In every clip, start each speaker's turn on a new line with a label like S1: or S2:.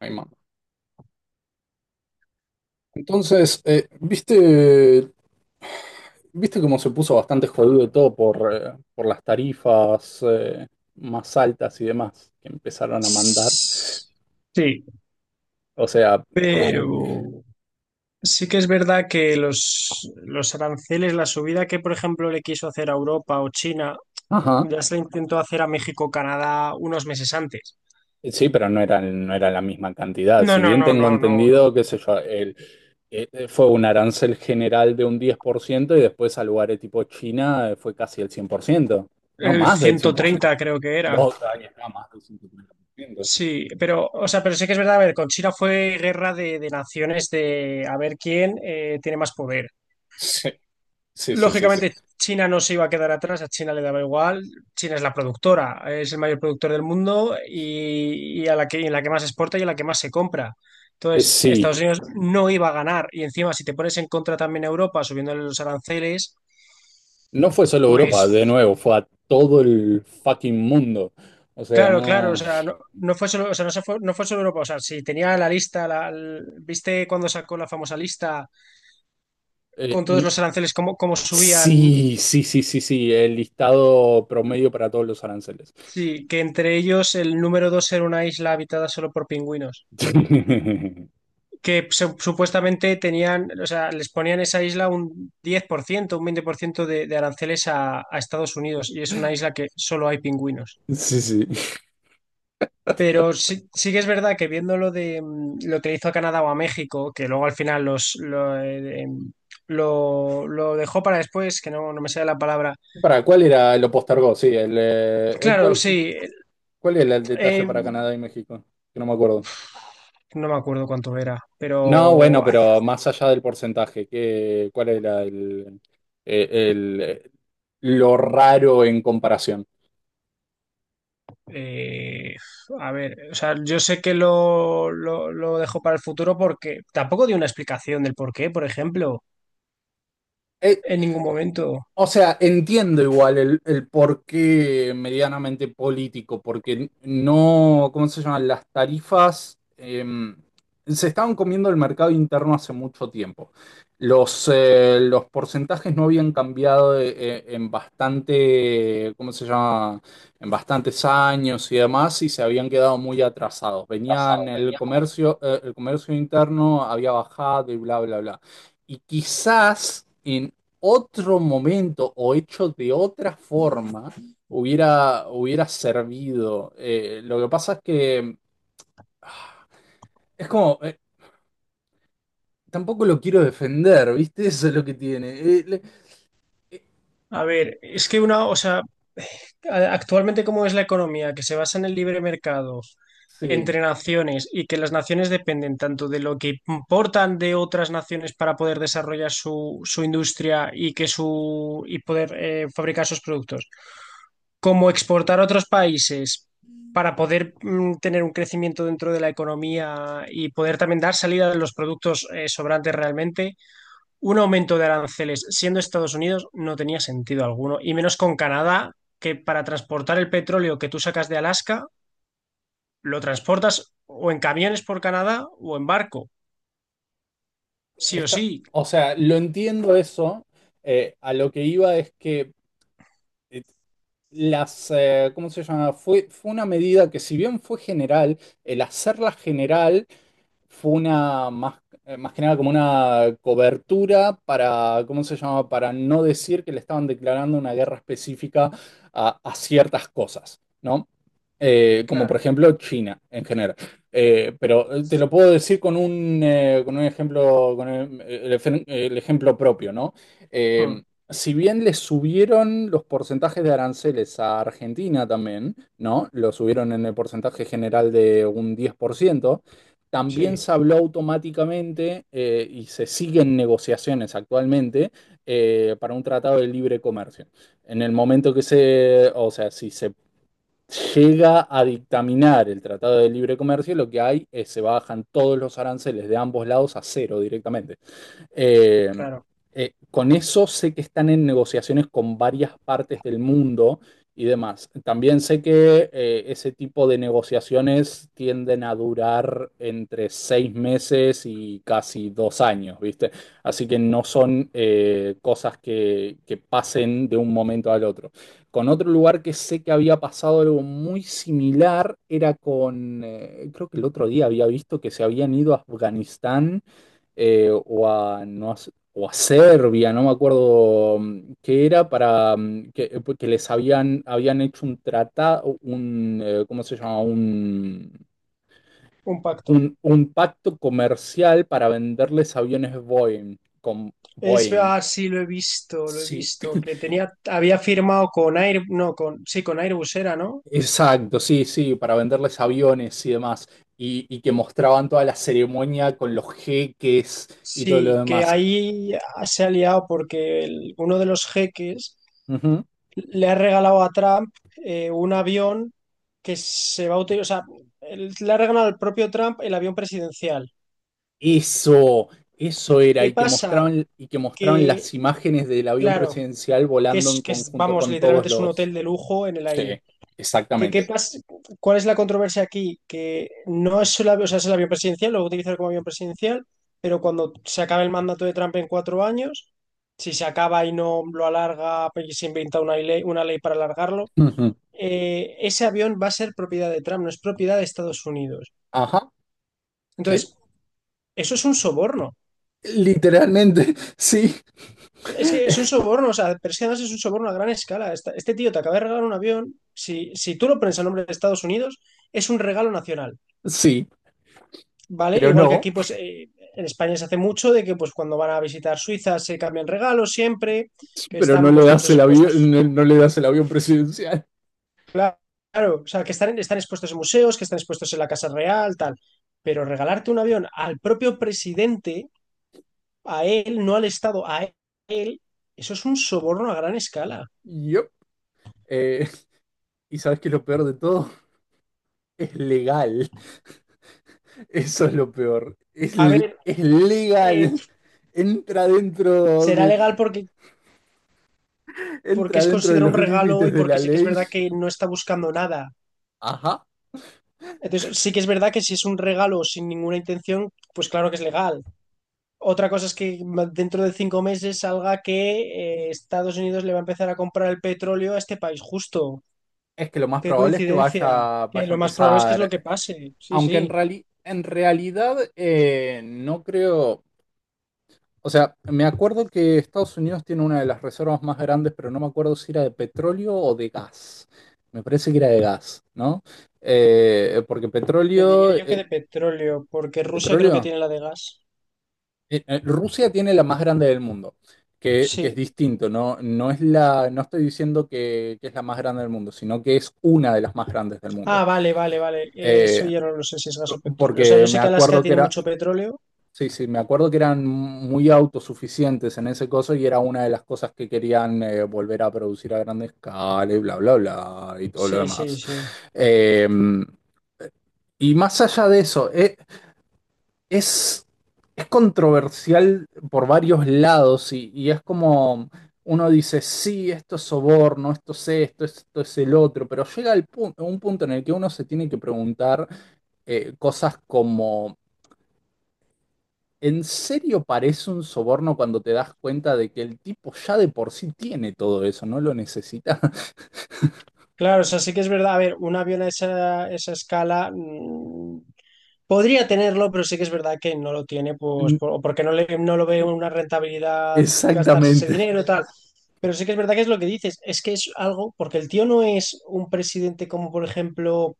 S1: Ay, mamá. Entonces, ¿viste cómo se puso bastante jodido todo por por las tarifas más altas y demás que empezaron a mandar?
S2: Sí,
S1: O sea, eh, eh,
S2: pero sí que es verdad que los aranceles, la subida que, por ejemplo, le quiso hacer a Europa o China,
S1: ajá.
S2: ya se la intentó hacer a México, Canadá unos meses antes.
S1: Sí, pero no era la misma cantidad.
S2: No,
S1: Si
S2: no,
S1: bien
S2: no,
S1: tengo
S2: no, no,
S1: entendido,
S2: no.
S1: qué sé yo, el, fue un arancel general de un 10% y después a lugares tipo China fue casi el 100% no
S2: El
S1: más del
S2: ciento
S1: 100%.
S2: treinta creo que era.
S1: Vos, ahí está, más del 150%.
S2: Sí, pero, o sea, pero sí que es verdad, a ver, con China fue guerra de naciones de a ver quién tiene más poder.
S1: Sí, sí, sí, sí.
S2: Lógicamente, China no se iba a quedar atrás, a China le daba igual. China es la productora, es el mayor productor del mundo y a la que, y en la que más exporta y en la que más se compra. Entonces, Estados
S1: Sí,
S2: Unidos no iba a ganar. Y encima, si te pones en contra también a Europa subiéndole los aranceles,
S1: no fue solo Europa,
S2: pues
S1: de nuevo, fue a todo el fucking mundo. O sea,
S2: claro, claro, o
S1: no...
S2: sea, no, no fue solo, o sea, no, se fue, no fue solo Europa. O sea, si tenía la lista, la, ¿viste cuando sacó la famosa lista con todos
S1: n-
S2: los aranceles, cómo, cómo subían?
S1: sí, sí, sí, sí, sí, el listado promedio para todos los aranceles.
S2: Sí, que entre ellos el número dos era una isla habitada solo por pingüinos. Que supuestamente tenían, o sea, les ponían esa isla un 10%, un 20% de aranceles a Estados Unidos y es una isla que solo hay pingüinos.
S1: Sí, sí.
S2: Pero sí, sí que es verdad que viendo lo de lo que le hizo a Canadá o a México, que luego al final los lo, lo dejó para después, que no, no me sale la palabra.
S1: ¿Para cuál era? Lo postergó, sí.
S2: Claro, sí,
S1: ¿Cuál era el detalle
S2: eh,
S1: para Canadá y México? Que no me acuerdo.
S2: no me acuerdo cuánto era,
S1: No, bueno,
S2: pero
S1: pero más allá del porcentaje, ¿cuál era el, eh, el, eh, lo raro en comparación?
S2: Eh, a ver, o sea, yo sé que lo dejo para el futuro porque tampoco dio una explicación del por qué, por ejemplo,
S1: Eh,
S2: en ningún momento.
S1: O sea, entiendo igual el porqué medianamente político, porque no, ¿cómo se llaman? Las tarifas se estaban comiendo el mercado interno hace mucho tiempo. Los porcentajes no habían cambiado en bastante, ¿cómo se llama? En bastantes años y demás, y se habían quedado muy atrasados. Venían el comercio interno había bajado y bla, bla, bla. Y quizás otro momento o hecho de otra forma hubiera servido. Lo que pasa es que ah, es como, tampoco lo quiero defender, ¿viste? Eso es lo que tiene.
S2: A ver, es que una, o sea, actualmente cómo es la economía, que se basa en el libre mercado
S1: Sí,
S2: entre naciones y que las naciones dependen tanto de lo que importan de otras naciones para poder desarrollar su, su industria y que su y poder fabricar sus productos como exportar a otros países para poder tener un crecimiento dentro de la economía y poder también dar salida de los productos sobrantes realmente, un aumento de aranceles siendo Estados Unidos no tenía sentido alguno, y menos con Canadá, que para transportar el petróleo que tú sacas de Alaska, lo transportas o en camiones por Canadá o en barco, sí o
S1: está,
S2: sí,
S1: o sea, lo entiendo eso. A lo que iba es que eh, las, ¿cómo se llama? Fue una medida que si bien fue general, el hacerla general fue una más, más que nada como una cobertura para, ¿cómo se llama? Para no decir que le estaban declarando una guerra específica a ciertas cosas, ¿no? Como por
S2: claro.
S1: ejemplo China en general. Te lo puedo decir con un ejemplo, con el ejemplo propio, ¿no?
S2: Mm,
S1: Eh, si bien le subieron los porcentajes de aranceles a Argentina también, ¿no? Lo subieron en el porcentaje general de un diez por ciento. También
S2: sí,
S1: se habló automáticamente y se siguen negociaciones actualmente para un tratado de libre comercio. En el momento que se, o sea, si se llega a dictaminar el tratado de libre comercio, lo que hay es se bajan todos los aranceles de ambos lados a cero directamente. Eh,
S2: claro.
S1: con eso sé que están en negociaciones con varias partes del mundo y demás. También sé que ese tipo de negociaciones tienden a durar entre seis meses y casi dos años, ¿viste? Así que no son cosas que pasen de un momento al otro. Con otro lugar que sé que había pasado algo muy similar era con, creo que el otro día había visto que se habían ido a Afganistán o a, no, o a Serbia, no me acuerdo qué era, para que les habían, habían hecho un tratado, un, ¿cómo se llama?
S2: Un pacto.
S1: Un pacto comercial para venderles aviones Boeing, con
S2: Es
S1: Boeing.
S2: sí, lo he
S1: Sí,
S2: visto, que tenía, había firmado con Air, no, con, sí, con Airbus era, ¿no?
S1: exacto, sí, sí, para venderles aviones y demás, y que mostraban toda la ceremonia con los jeques y todo lo
S2: Sí, que
S1: demás.
S2: ahí se ha liado porque uno de los jeques le ha regalado a Trump un avión que se va a utilizar, o sea, le ha regalado al propio Trump el avión presidencial.
S1: Eso era,
S2: ¿Qué pasa?
S1: y que mostraban
S2: Que,
S1: las imágenes del avión
S2: claro,
S1: presidencial volando en
S2: que es,
S1: conjunto
S2: vamos,
S1: con todos
S2: literalmente es un
S1: los.
S2: hotel de lujo en el
S1: Sí,
S2: aire. ¿Qué, qué
S1: exactamente.
S2: pasa? ¿Cuál es la controversia aquí? Que no es solo, o sea, es el avión presidencial, lo va a utilizar como avión presidencial, pero cuando se acabe el mandato de Trump en cuatro años, si se acaba y no lo alarga, pues, y se inventa una ley para alargarlo,
S1: Ujú.
S2: ese avión va a ser propiedad de Trump, no es propiedad de Estados Unidos.
S1: Ajá, sí.
S2: Entonces, eso es un soborno.
S1: Literalmente, sí,
S2: Es que es un soborno, o sea, pero es que además es un soborno a gran escala. Este tío te acaba de regalar un avión, si, si tú lo pones a nombre de Estados Unidos, es un regalo nacional.
S1: sí,
S2: ¿Vale?
S1: pero
S2: Igual que
S1: no,
S2: aquí, pues en España se hace mucho de que pues cuando van a visitar Suiza se cambian regalos siempre, que
S1: pero no
S2: están
S1: le
S2: pues
S1: das
S2: muchos
S1: el
S2: impuestos,
S1: avión, no, no le das el avión presidencial.
S2: claro, claro, o sea, que están, están expuestos en museos, que están expuestos en la Casa Real, tal. Pero regalarte un avión al propio presidente, a él, no al Estado, a él, eso es un soborno a gran escala.
S1: Yup. Eh, y sabes que lo peor de todo es legal. Eso es lo peor.
S2: A ver,
S1: Es
S2: eh,
S1: legal. Entra dentro
S2: será legal
S1: de,
S2: porque, porque
S1: entra
S2: es
S1: dentro de
S2: considerado
S1: los
S2: un regalo
S1: límites
S2: y
S1: de la
S2: porque sí que es
S1: ley.
S2: verdad que no está buscando nada.
S1: Ajá.
S2: Entonces, sí que es verdad que si es un regalo sin ninguna intención, pues claro que es legal. Otra cosa es que dentro de cinco meses salga que Estados Unidos le va a empezar a comprar el petróleo a este país, justo.
S1: Es que lo más
S2: Qué
S1: probable es que
S2: coincidencia.
S1: vaya, vaya
S2: Que
S1: a
S2: lo más probable es que es lo que
S1: empezar.
S2: pase. Sí,
S1: Aunque en
S2: sí.
S1: en realidad no creo. O sea, me acuerdo que Estados Unidos tiene una de las reservas más grandes, pero no me acuerdo si era de petróleo o de gas. Me parece que era de gas, ¿no? Porque
S2: Te diría
S1: petróleo.
S2: yo que de petróleo, porque Rusia creo que
S1: ¿Petróleo?
S2: tiene la de gas.
S1: Rusia tiene la más grande del mundo, que es
S2: Sí.
S1: distinto, no, no es la, no estoy diciendo que es la más grande del mundo, sino que es una de las más grandes del mundo.
S2: Ah, vale, vale, vale. Eso
S1: Eh,
S2: ya no lo sé si es gas o petróleo. O sea,
S1: Porque
S2: yo
S1: me
S2: sé que Alaska
S1: acuerdo que
S2: tiene
S1: era,
S2: mucho petróleo.
S1: sí, sí, me acuerdo que eran muy autosuficientes en ese coso y era una de las cosas que querían volver a producir a gran escala y bla, bla, bla, y todo lo
S2: Sí, sí,
S1: demás.
S2: sí.
S1: Eh, y más allá de eso, Es, es controversial por varios lados y es como uno dice, sí, esto es soborno, esto es esto, esto es el otro, pero llega un punto en el que uno se tiene que preguntar cosas como, ¿en serio parece un soborno cuando te das cuenta de que el tipo ya de por sí tiene todo eso, no lo necesita?
S2: Claro, o sea, sí que es verdad. A ver, un avión a esa, esa escala. Podría tenerlo, pero sí que es verdad que no lo tiene, pues, o porque no le, no lo ve una rentabilidad gastarse ese
S1: Exactamente.
S2: dinero y tal. Pero sí que es verdad que es lo que dices, es que es algo, porque el tío no es un presidente como, por ejemplo,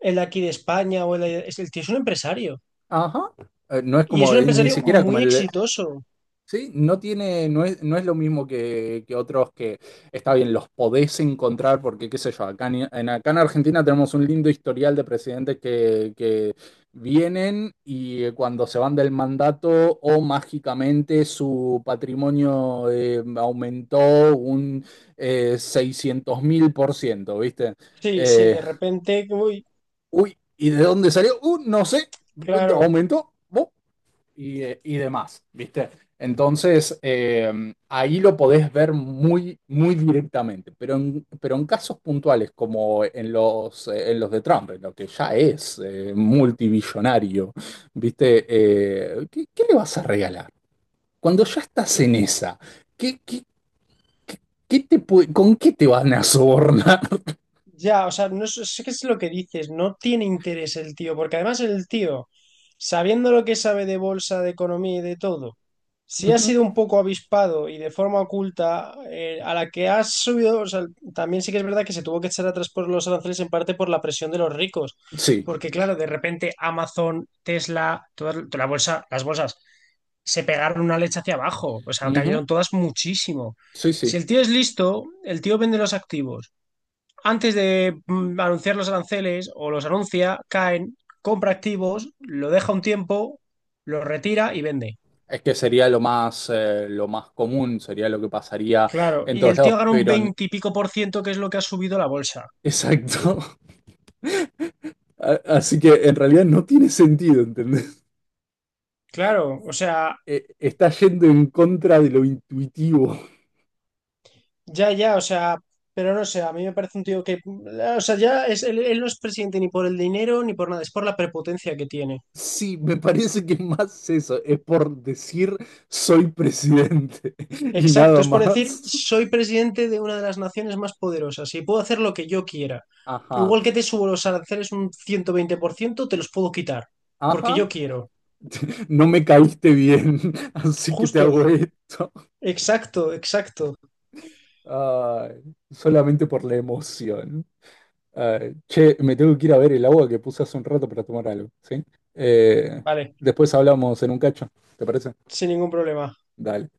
S2: el de aquí de España, o el, el tío es un empresario.
S1: Ajá. No es
S2: Y es
S1: como,
S2: un
S1: ni
S2: empresario
S1: siquiera como
S2: muy
S1: el,
S2: exitoso.
S1: sí, no tiene, no es, no es lo mismo que otros que está bien, los podés encontrar porque, qué sé yo, acá acá en Argentina tenemos un lindo historial de presidentes que vienen y cuando se van del mandato o mágicamente su patrimonio aumentó un 600 mil por ciento, ¿viste?
S2: Sí, sí,
S1: Eh,
S2: de repente, uy,
S1: Uy, ¿y de dónde salió? No sé,
S2: claro.
S1: aumentó y demás, ¿viste? Entonces, ahí lo podés ver muy, muy directamente, pero en casos puntuales como en los de Trump, en lo que ya es multibillonario, ¿viste? ¿Qué, qué le vas a regalar? Cuando ya estás en esa, ¿qué, qué, qué- ¿con qué te van a sobornar?
S2: Ya, o sea, no sé sé qué es lo que dices, no tiene interés el tío, porque además el tío, sabiendo lo que sabe de bolsa, de economía y de todo, si ha
S1: Ujú.
S2: sido un poco avispado y de forma oculta, a la que ha subido, o sea, también sí que es verdad que se tuvo que echar atrás por los aranceles en parte por la presión de los ricos,
S1: Sí,
S2: porque claro, de repente Amazon, Tesla, toda la bolsa, las bolsas se pegaron una leche hacia abajo, o sea,
S1: ujú,
S2: cayeron todas muchísimo.
S1: sí, sí.
S2: Si el tío es listo, el tío vende los activos antes de anunciar los aranceles o los anuncia, caen, compra activos, lo deja un tiempo, lo retira y vende.
S1: Es que sería lo más común, sería lo que pasaría
S2: Claro,
S1: en
S2: y
S1: todos
S2: el tío
S1: lados,
S2: gana un
S1: pero
S2: veintipico por ciento, que es lo que ha subido la bolsa.
S1: exacto. Así que en realidad no tiene sentido, ¿entendés?
S2: Claro, o sea,
S1: Está yendo en contra de lo intuitivo.
S2: ya, ya, o sea, pero no sé, a mí me parece un tío que, o sea, ya es, él no es presidente ni por el dinero ni por nada, es por la prepotencia que tiene.
S1: Sí, me parece que es más eso, es por decir soy presidente y
S2: Exacto,
S1: nada
S2: es por decir,
S1: más.
S2: soy presidente de una de las naciones más poderosas y puedo hacer lo que yo quiera.
S1: Ajá,
S2: Igual que te subo los aranceles un 120%, te los puedo quitar, porque
S1: ajá,
S2: yo quiero.
S1: no me caíste bien, así que te
S2: Justo,
S1: hago esto.
S2: exacto, exacto.
S1: Ay, solamente por la emoción. Ay, che, me tengo que ir a ver el agua que puse hace un rato para tomar algo, ¿sí? Eh,
S2: Vale,
S1: Después hablamos en un cacho, ¿te parece?
S2: sin ningún problema.
S1: Dale.